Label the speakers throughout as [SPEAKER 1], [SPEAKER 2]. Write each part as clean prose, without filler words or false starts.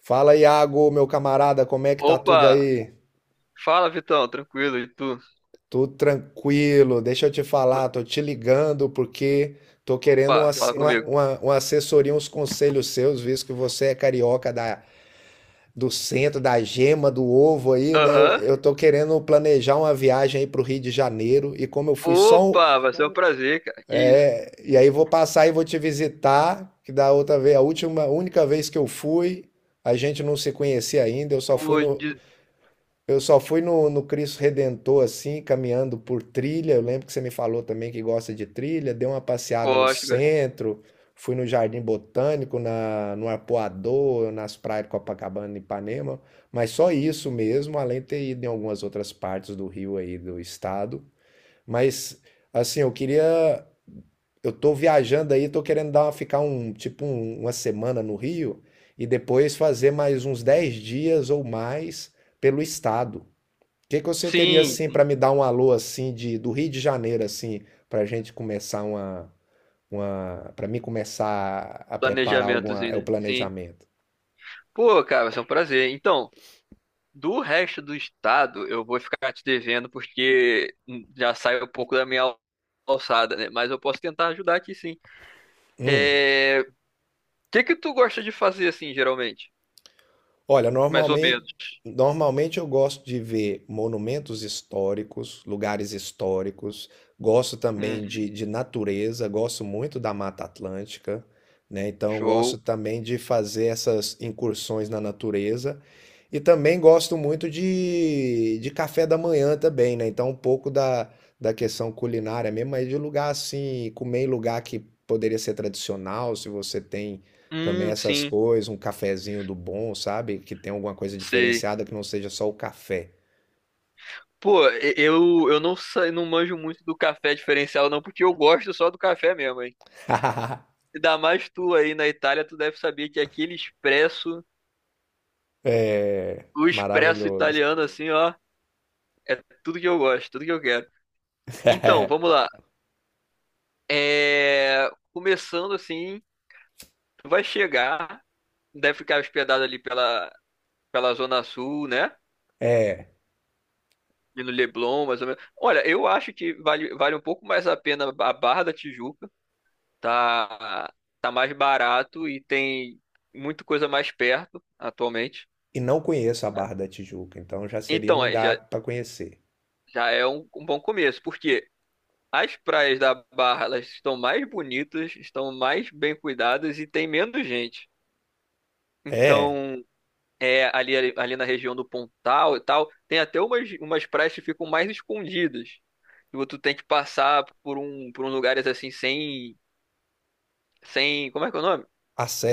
[SPEAKER 1] Fala, Iago, meu camarada, como é que tá tudo
[SPEAKER 2] Opa,
[SPEAKER 1] aí?
[SPEAKER 2] fala Vitão, tranquilo, e tu?
[SPEAKER 1] Tudo tranquilo, deixa eu te falar, tô te ligando porque tô querendo uma,
[SPEAKER 2] Opa, fala
[SPEAKER 1] uma,
[SPEAKER 2] comigo.
[SPEAKER 1] uma, uma assessoria, uns conselhos seus, visto que você é carioca da, do centro, da gema, do ovo aí, né? Eu,
[SPEAKER 2] Aham.
[SPEAKER 1] eu tô querendo planejar uma viagem aí pro Rio de Janeiro e como eu fui só.
[SPEAKER 2] Opa, vai ser um prazer, cara. Que isso?
[SPEAKER 1] E aí vou passar e vou te visitar, que da outra vez, a última, única vez que eu fui, a gente não se conhecia ainda,
[SPEAKER 2] Pô, de...
[SPEAKER 1] Eu só fui no Cristo Redentor, assim, caminhando por trilha. Eu lembro que você me falou também que gosta de trilha. Dei uma passeada no
[SPEAKER 2] gosto, cara.
[SPEAKER 1] centro, fui no Jardim Botânico, no Arpoador, nas praias de Copacabana e Ipanema. Mas só isso mesmo, além de ter ido em algumas outras partes do Rio aí, do estado. Mas, assim, eu queria. Eu tô viajando aí, tô querendo dar, ficar um, tipo, uma semana no Rio e depois fazer mais uns 10 dias ou mais pelo estado, que você teria
[SPEAKER 2] Sim,
[SPEAKER 1] assim para me dar um alô assim de do Rio de Janeiro assim para gente começar uma para mim começar a preparar alguma
[SPEAKER 2] planejamentozinho,
[SPEAKER 1] é o
[SPEAKER 2] né? Sim.
[SPEAKER 1] planejamento.
[SPEAKER 2] Pô, cara, vai ser um prazer. Então, do resto do estado, eu vou ficar te devendo porque já sai um pouco da minha alçada, né? Mas eu posso tentar ajudar aqui, sim.
[SPEAKER 1] Hum.
[SPEAKER 2] O que que tu gosta de fazer, assim, geralmente?
[SPEAKER 1] Olha,
[SPEAKER 2] Mais ou menos.
[SPEAKER 1] normalmente eu gosto de ver monumentos históricos, lugares históricos, gosto também
[SPEAKER 2] Uhum.
[SPEAKER 1] de natureza, gosto muito da Mata Atlântica, né? Então, eu gosto
[SPEAKER 2] Show.
[SPEAKER 1] também de fazer essas incursões na natureza. E também gosto muito de café da manhã também, né? Então, um pouco da, da questão culinária mesmo, mas de lugar assim, comer em lugar que poderia ser tradicional, se você tem. Também essas
[SPEAKER 2] Sim.
[SPEAKER 1] coisas, um cafezinho do bom, sabe? Que tem alguma coisa
[SPEAKER 2] Sei.
[SPEAKER 1] diferenciada que não seja só o café.
[SPEAKER 2] Pô, eu não sei, não manjo muito do café diferencial, não, porque eu gosto só do café mesmo, hein? Ainda mais tu aí na Itália, tu deve saber que aquele expresso, o expresso
[SPEAKER 1] Maravilhoso.
[SPEAKER 2] italiano, assim, ó, é tudo que eu gosto, tudo que eu quero. Então, vamos lá. Começando assim, tu vai chegar, deve ficar hospedado ali pela Zona Sul, né?
[SPEAKER 1] É,
[SPEAKER 2] E no Leblon, mais ou menos. Olha, eu acho que vale um pouco mais a pena a Barra da Tijuca, tá, tá mais barato e tem muita coisa mais perto atualmente.
[SPEAKER 1] e não conheço a Barra da Tijuca, então já seria um
[SPEAKER 2] Então,
[SPEAKER 1] lugar para conhecer.
[SPEAKER 2] já é um bom começo, porque as praias da Barra, elas estão mais bonitas, estão mais bem cuidadas e tem menos gente.
[SPEAKER 1] É,
[SPEAKER 2] Então, é, ali na região do Pontal e tal, tem até umas praias que ficam mais escondidas. Tipo, tu tem que passar por um lugares assim sem, sem, como é que é o nome?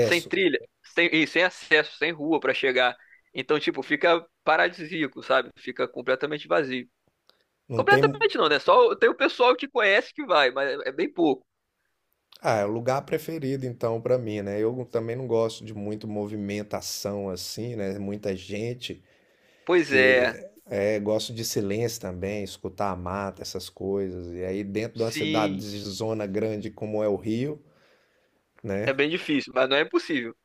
[SPEAKER 2] Sem acesso, sem rua pra chegar. Então, tipo, fica paradisíaco, sabe? Fica completamente vazio.
[SPEAKER 1] Não tem.
[SPEAKER 2] Completamente não, né? Só tem o pessoal que conhece que vai, mas é bem pouco.
[SPEAKER 1] Ah, é o lugar preferido então para mim, né? Eu também não gosto de muito movimentação assim, né? Muita gente
[SPEAKER 2] Pois é,
[SPEAKER 1] que é, gosto de silêncio também, escutar a mata, essas coisas. E aí dentro de uma cidade
[SPEAKER 2] sim,
[SPEAKER 1] de zona grande como é o Rio,
[SPEAKER 2] é
[SPEAKER 1] né?
[SPEAKER 2] bem difícil, mas não é impossível.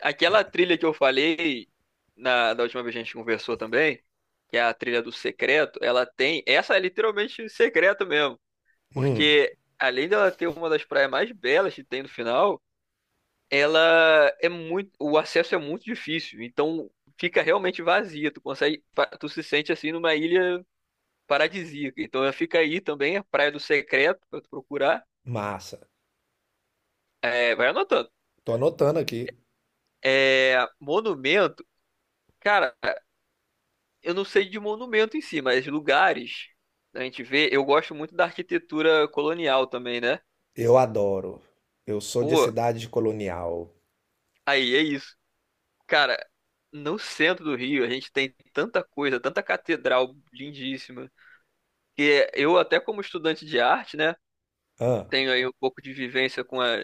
[SPEAKER 2] Aquela trilha que eu falei da última vez que a gente conversou também, que é a trilha do secreto, ela tem. Essa é literalmente secreta mesmo.
[SPEAKER 1] Hum,
[SPEAKER 2] Porque além dela ter uma das praias mais belas que tem no final, ela é muito, o acesso é muito difícil, então fica realmente vazia. Tu consegue, tu se sente assim numa ilha paradisíaca. Então ela fica aí também, a Praia do Secreto pra tu procurar.
[SPEAKER 1] massa.
[SPEAKER 2] É, vai anotando.
[SPEAKER 1] Tô anotando aqui.
[SPEAKER 2] É, monumento, cara, eu não sei de monumento em si, mas lugares a gente vê. Eu gosto muito da arquitetura colonial também, né?
[SPEAKER 1] Eu adoro. Eu sou de
[SPEAKER 2] Pô,
[SPEAKER 1] cidade colonial.
[SPEAKER 2] aí é isso, cara. No centro do Rio, a gente tem tanta coisa, tanta catedral lindíssima. Que eu até como estudante de arte, né,
[SPEAKER 1] Ah,
[SPEAKER 2] tenho aí um pouco de vivência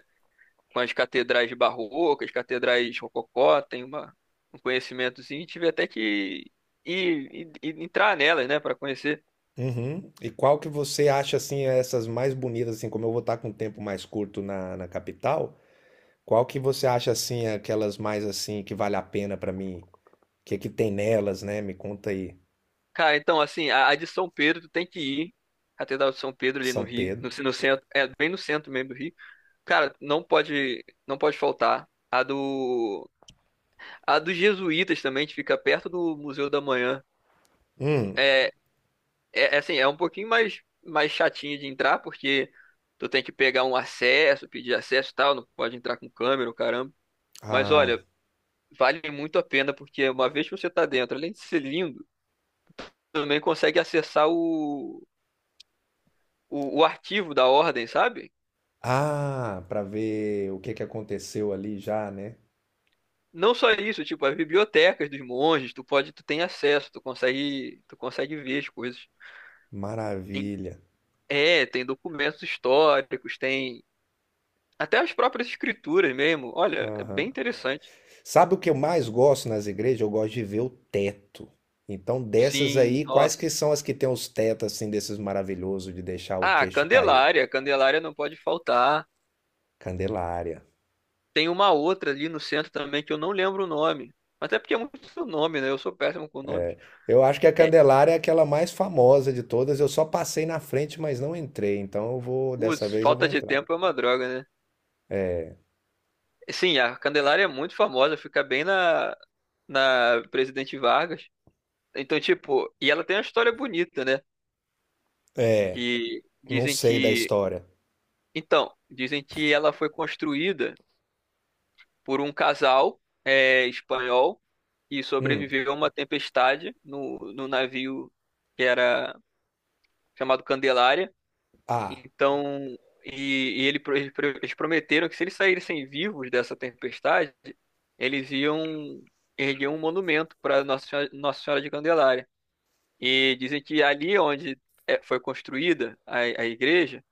[SPEAKER 2] com as catedrais barrocas, catedrais rococó, tenho um conhecimentozinho, e tive até que ir entrar nelas, né, para conhecer.
[SPEAKER 1] uhum. E qual que você acha assim é essas mais bonitas assim, como eu vou estar com um tempo mais curto na, na capital? Qual que você acha assim aquelas mais assim que vale a pena pra mim? O que é que tem nelas, né? Me conta aí.
[SPEAKER 2] Cara, então assim, a de São Pedro tu tem que ir, Catedral de São Pedro ali no
[SPEAKER 1] São
[SPEAKER 2] Rio,
[SPEAKER 1] Pedro.
[SPEAKER 2] no centro, é bem no centro mesmo do Rio. Cara, não pode faltar. A dos jesuítas também, que fica perto do Museu da Manhã.
[SPEAKER 1] Hum.
[SPEAKER 2] é, É, é assim, é um pouquinho mais chatinho de entrar, porque tu tem que pegar um acesso, pedir acesso e tal, não pode entrar com câmera, o caramba. Mas
[SPEAKER 1] Ah,
[SPEAKER 2] olha, vale muito a pena, porque uma vez que você tá dentro, além de ser lindo, também consegue acessar o arquivo da ordem, sabe?
[SPEAKER 1] ah, para ver o que que aconteceu ali já, né?
[SPEAKER 2] Não só isso, tipo, as bibliotecas dos monges, tu pode, tu tem acesso, tu consegue ver as coisas. Tem-
[SPEAKER 1] Maravilha.
[SPEAKER 2] Tem documentos históricos, tem até as próprias escrituras mesmo. Olha, é bem
[SPEAKER 1] Aham.
[SPEAKER 2] interessante.
[SPEAKER 1] Sabe o que eu mais gosto nas igrejas? Eu gosto de ver o teto. Então, dessas
[SPEAKER 2] Sim,
[SPEAKER 1] aí, quais
[SPEAKER 2] nossa.
[SPEAKER 1] que são as que tem os tetos assim desses maravilhosos de deixar o
[SPEAKER 2] Ah,
[SPEAKER 1] queixo cair?
[SPEAKER 2] Candelária não pode faltar.
[SPEAKER 1] Candelária.
[SPEAKER 2] Tem uma outra ali no centro também que eu não lembro o nome. Até porque é muito nome, né? Eu sou péssimo com nomes.
[SPEAKER 1] Eu acho que a
[SPEAKER 2] É,
[SPEAKER 1] Candelária é aquela mais famosa de todas. Eu só passei na frente, mas não entrei. Então, eu vou dessa
[SPEAKER 2] os,
[SPEAKER 1] vez eu vou
[SPEAKER 2] falta de
[SPEAKER 1] entrar.
[SPEAKER 2] tempo é uma droga, né? Sim, a Candelária é muito famosa, fica bem na Presidente Vargas. Então, tipo, e ela tem uma história bonita, né?
[SPEAKER 1] É,
[SPEAKER 2] Que
[SPEAKER 1] não
[SPEAKER 2] dizem
[SPEAKER 1] sei da
[SPEAKER 2] que.
[SPEAKER 1] história.
[SPEAKER 2] Então, dizem que ela foi construída por um casal espanhol que
[SPEAKER 1] Hum.
[SPEAKER 2] sobreviveu a uma tempestade no navio que era chamado Candelária.
[SPEAKER 1] Ah,
[SPEAKER 2] Então, eles prometeram que se eles saíssem vivos dessa tempestade, eles iam erguer um monumento para Nossa Senhora de Candelária. E dizem que ali onde foi construída a igreja,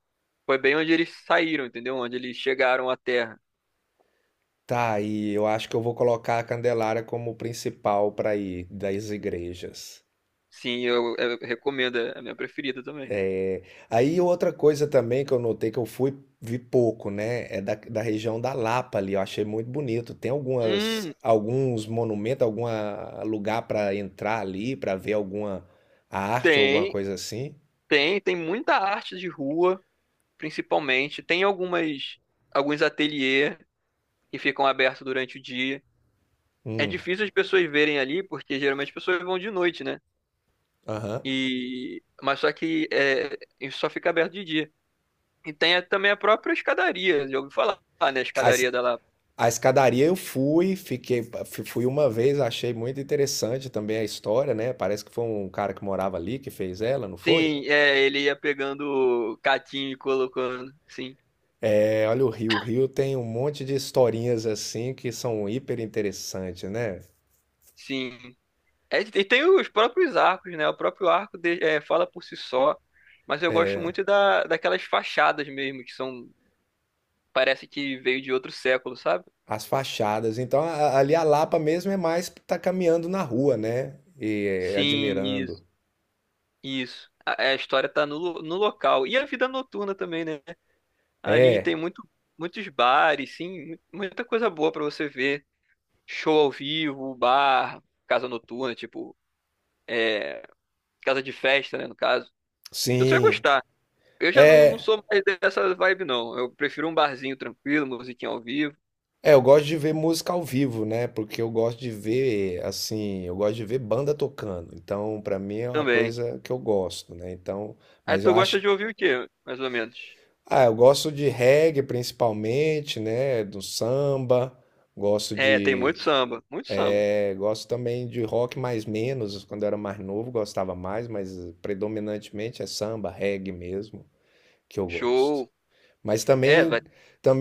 [SPEAKER 2] foi bem onde eles saíram, entendeu? Onde eles chegaram à terra.
[SPEAKER 1] tá aí. Eu acho que eu vou colocar a Candelária como principal para ir das igrejas.
[SPEAKER 2] Sim, eu recomendo, é a minha preferida também.
[SPEAKER 1] Aí outra coisa também que eu notei que eu fui vi pouco, né, é da, da região da Lapa ali, eu achei muito bonito. Tem algumas
[SPEAKER 2] Hum,
[SPEAKER 1] alguns monumentos, algum lugar para entrar ali, para ver alguma arte ou alguma
[SPEAKER 2] tem,
[SPEAKER 1] coisa assim.
[SPEAKER 2] tem muita arte de rua, principalmente. Tem algumas, alguns ateliê que ficam abertos durante o dia. É
[SPEAKER 1] Hum,
[SPEAKER 2] difícil as pessoas verem ali, porque geralmente as pessoas vão de noite, né?
[SPEAKER 1] aham.
[SPEAKER 2] E, mas só que é, isso só fica aberto de dia. E tem também a própria escadaria, já ouviu falar, né? A
[SPEAKER 1] A,
[SPEAKER 2] escadaria
[SPEAKER 1] es-
[SPEAKER 2] da Lapa.
[SPEAKER 1] a escadaria eu fui, fui uma vez, achei muito interessante também a história, né? Parece que foi um cara que morava ali que fez ela, não foi?
[SPEAKER 2] Sim, é, ele ia pegando catinho e colocando. Sim,
[SPEAKER 1] É, olha o Rio tem um monte de historinhas assim que são hiper interessantes, né?
[SPEAKER 2] sim. É, e tem os próprios arcos, né? O próprio arco de- é, Fala por si só, mas eu gosto muito daquelas fachadas mesmo, que são, parece que veio de outro século, sabe?
[SPEAKER 1] As fachadas. Então, ali a Lapa mesmo é mais tá caminhando na rua, né? E é,
[SPEAKER 2] Sim,
[SPEAKER 1] admirando.
[SPEAKER 2] isso. A história tá no local. E a vida noturna também, né? Ali tem
[SPEAKER 1] É,
[SPEAKER 2] muito, muitos bares, sim, muita coisa boa pra você ver. Show ao vivo, bar, casa noturna, tipo, é, casa de festa, né, no caso. Eu só ia
[SPEAKER 1] sim.
[SPEAKER 2] gostar. Eu já não
[SPEAKER 1] É,
[SPEAKER 2] sou mais dessa vibe, não. Eu prefiro um barzinho tranquilo, musiquinha ao vivo
[SPEAKER 1] eu gosto de ver música ao vivo, né? Porque eu gosto de ver, assim, eu gosto de ver banda tocando. Então, pra mim é uma
[SPEAKER 2] também.
[SPEAKER 1] coisa que eu gosto, né? Então,
[SPEAKER 2] Aí
[SPEAKER 1] mas eu
[SPEAKER 2] tu
[SPEAKER 1] acho,
[SPEAKER 2] gosta de ouvir o quê, mais ou menos?
[SPEAKER 1] ah, eu gosto de reggae principalmente, né? Do samba, gosto
[SPEAKER 2] É, tem muito
[SPEAKER 1] de.
[SPEAKER 2] samba, muito samba.
[SPEAKER 1] É, gosto também de rock mais menos, quando eu era mais novo gostava mais, mas predominantemente é samba, reggae mesmo, que eu gosto.
[SPEAKER 2] Show.
[SPEAKER 1] Mas
[SPEAKER 2] É,
[SPEAKER 1] também,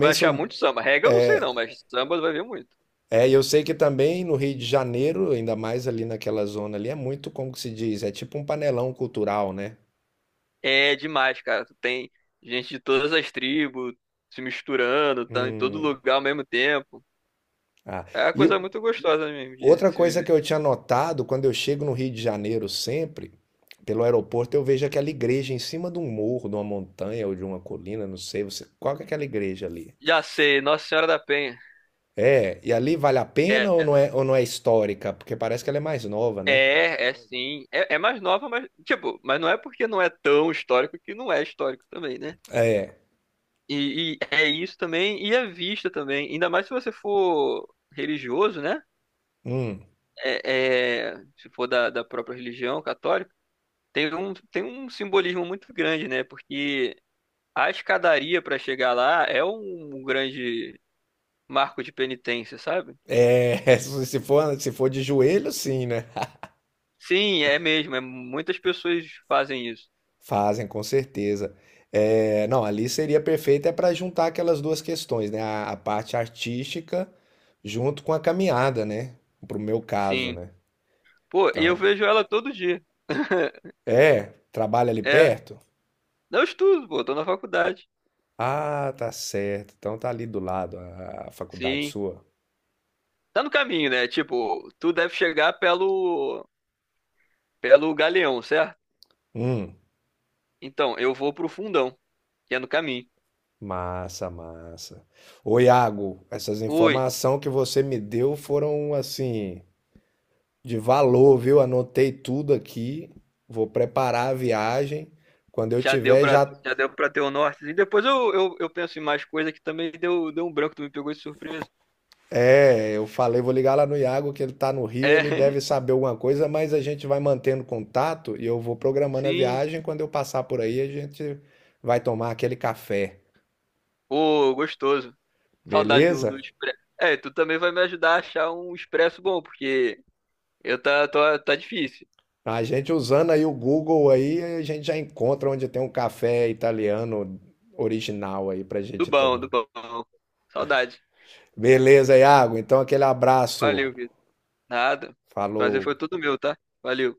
[SPEAKER 2] vai achar
[SPEAKER 1] sou,
[SPEAKER 2] muito samba. Reggae eu não sei não, mas samba vai ver muito.
[SPEAKER 1] é, e eu sei que também no Rio de Janeiro, ainda mais ali naquela zona ali, é muito, como que se diz, é tipo um panelão cultural, né?
[SPEAKER 2] É demais, cara. Tu tem gente de todas as tribos se misturando, tá em todo
[SPEAKER 1] Hum,
[SPEAKER 2] lugar ao mesmo tempo.
[SPEAKER 1] ah.
[SPEAKER 2] É uma
[SPEAKER 1] E
[SPEAKER 2] coisa muito gostosa mesmo de
[SPEAKER 1] outra
[SPEAKER 2] se
[SPEAKER 1] coisa
[SPEAKER 2] viver.
[SPEAKER 1] que eu tinha notado, quando eu chego no Rio de Janeiro sempre, pelo aeroporto, eu vejo aquela igreja em cima de um morro, de uma montanha ou de uma colina, não sei, você, qual que é aquela igreja ali?
[SPEAKER 2] Já sei, Nossa Senhora da Penha.
[SPEAKER 1] É, e ali vale a pena
[SPEAKER 2] É,
[SPEAKER 1] ou não é histórica? Porque parece que ela é mais nova, né?
[SPEAKER 2] É sim. É, é mais nova, mas, tipo, mas não é porque não é tão histórico que não é histórico também, né?
[SPEAKER 1] É,
[SPEAKER 2] É isso também, e a vista também. Ainda mais se você for religioso, né?
[SPEAKER 1] hum,
[SPEAKER 2] Se for da própria religião católica, tem tem um simbolismo muito grande, né? Porque a escadaria para chegar lá é um grande marco de penitência, sabe?
[SPEAKER 1] é, se for, se for de joelho, sim, né?
[SPEAKER 2] Sim, é mesmo. É, muitas pessoas fazem isso.
[SPEAKER 1] Fazem, com certeza. É, não, ali seria perfeito é para juntar aquelas duas questões, né? A parte artística junto com a caminhada, né? Pro meu caso,
[SPEAKER 2] Sim.
[SPEAKER 1] né?
[SPEAKER 2] Pô, eu
[SPEAKER 1] Então,
[SPEAKER 2] vejo ela todo dia.
[SPEAKER 1] é, trabalha ali
[SPEAKER 2] É.
[SPEAKER 1] perto?
[SPEAKER 2] Não, estudo, pô, tô na faculdade.
[SPEAKER 1] Ah, tá certo. Então tá ali do lado a faculdade
[SPEAKER 2] Sim.
[SPEAKER 1] sua.
[SPEAKER 2] Tá no caminho, né? Tipo, tu deve chegar pelo Galeão, certo?
[SPEAKER 1] Hum.
[SPEAKER 2] Então, eu vou pro Fundão, que é no caminho.
[SPEAKER 1] Massa, massa. Ô, Iago, essas
[SPEAKER 2] Ui,
[SPEAKER 1] informações que você me deu foram assim de valor, viu? Anotei tudo aqui. Vou preparar a viagem. Quando eu tiver já,
[SPEAKER 2] já deu pra ter o norte. E depois eu penso em mais coisa que também deu um branco, tu me pegou de surpresa.
[SPEAKER 1] é, eu falei, vou ligar lá no Iago que ele tá no Rio, ele
[SPEAKER 2] É,
[SPEAKER 1] deve saber alguma coisa, mas a gente vai mantendo contato e eu vou programando a
[SPEAKER 2] sim.
[SPEAKER 1] viagem. Quando eu passar por aí, a gente vai tomar aquele café.
[SPEAKER 2] Pô, gostoso. Saudade do
[SPEAKER 1] Beleza?
[SPEAKER 2] expresso. É, tu também vai me ajudar a achar um expresso bom, porque tá difícil.
[SPEAKER 1] A gente usando aí o Google aí, a gente já encontra onde tem um café italiano original aí pra gente
[SPEAKER 2] Do
[SPEAKER 1] tomar.
[SPEAKER 2] bom. Saudade.
[SPEAKER 1] Beleza, Iago. Então aquele abraço.
[SPEAKER 2] Valeu, nada. Prazer foi
[SPEAKER 1] Falou.
[SPEAKER 2] todo meu, tá? Valeu.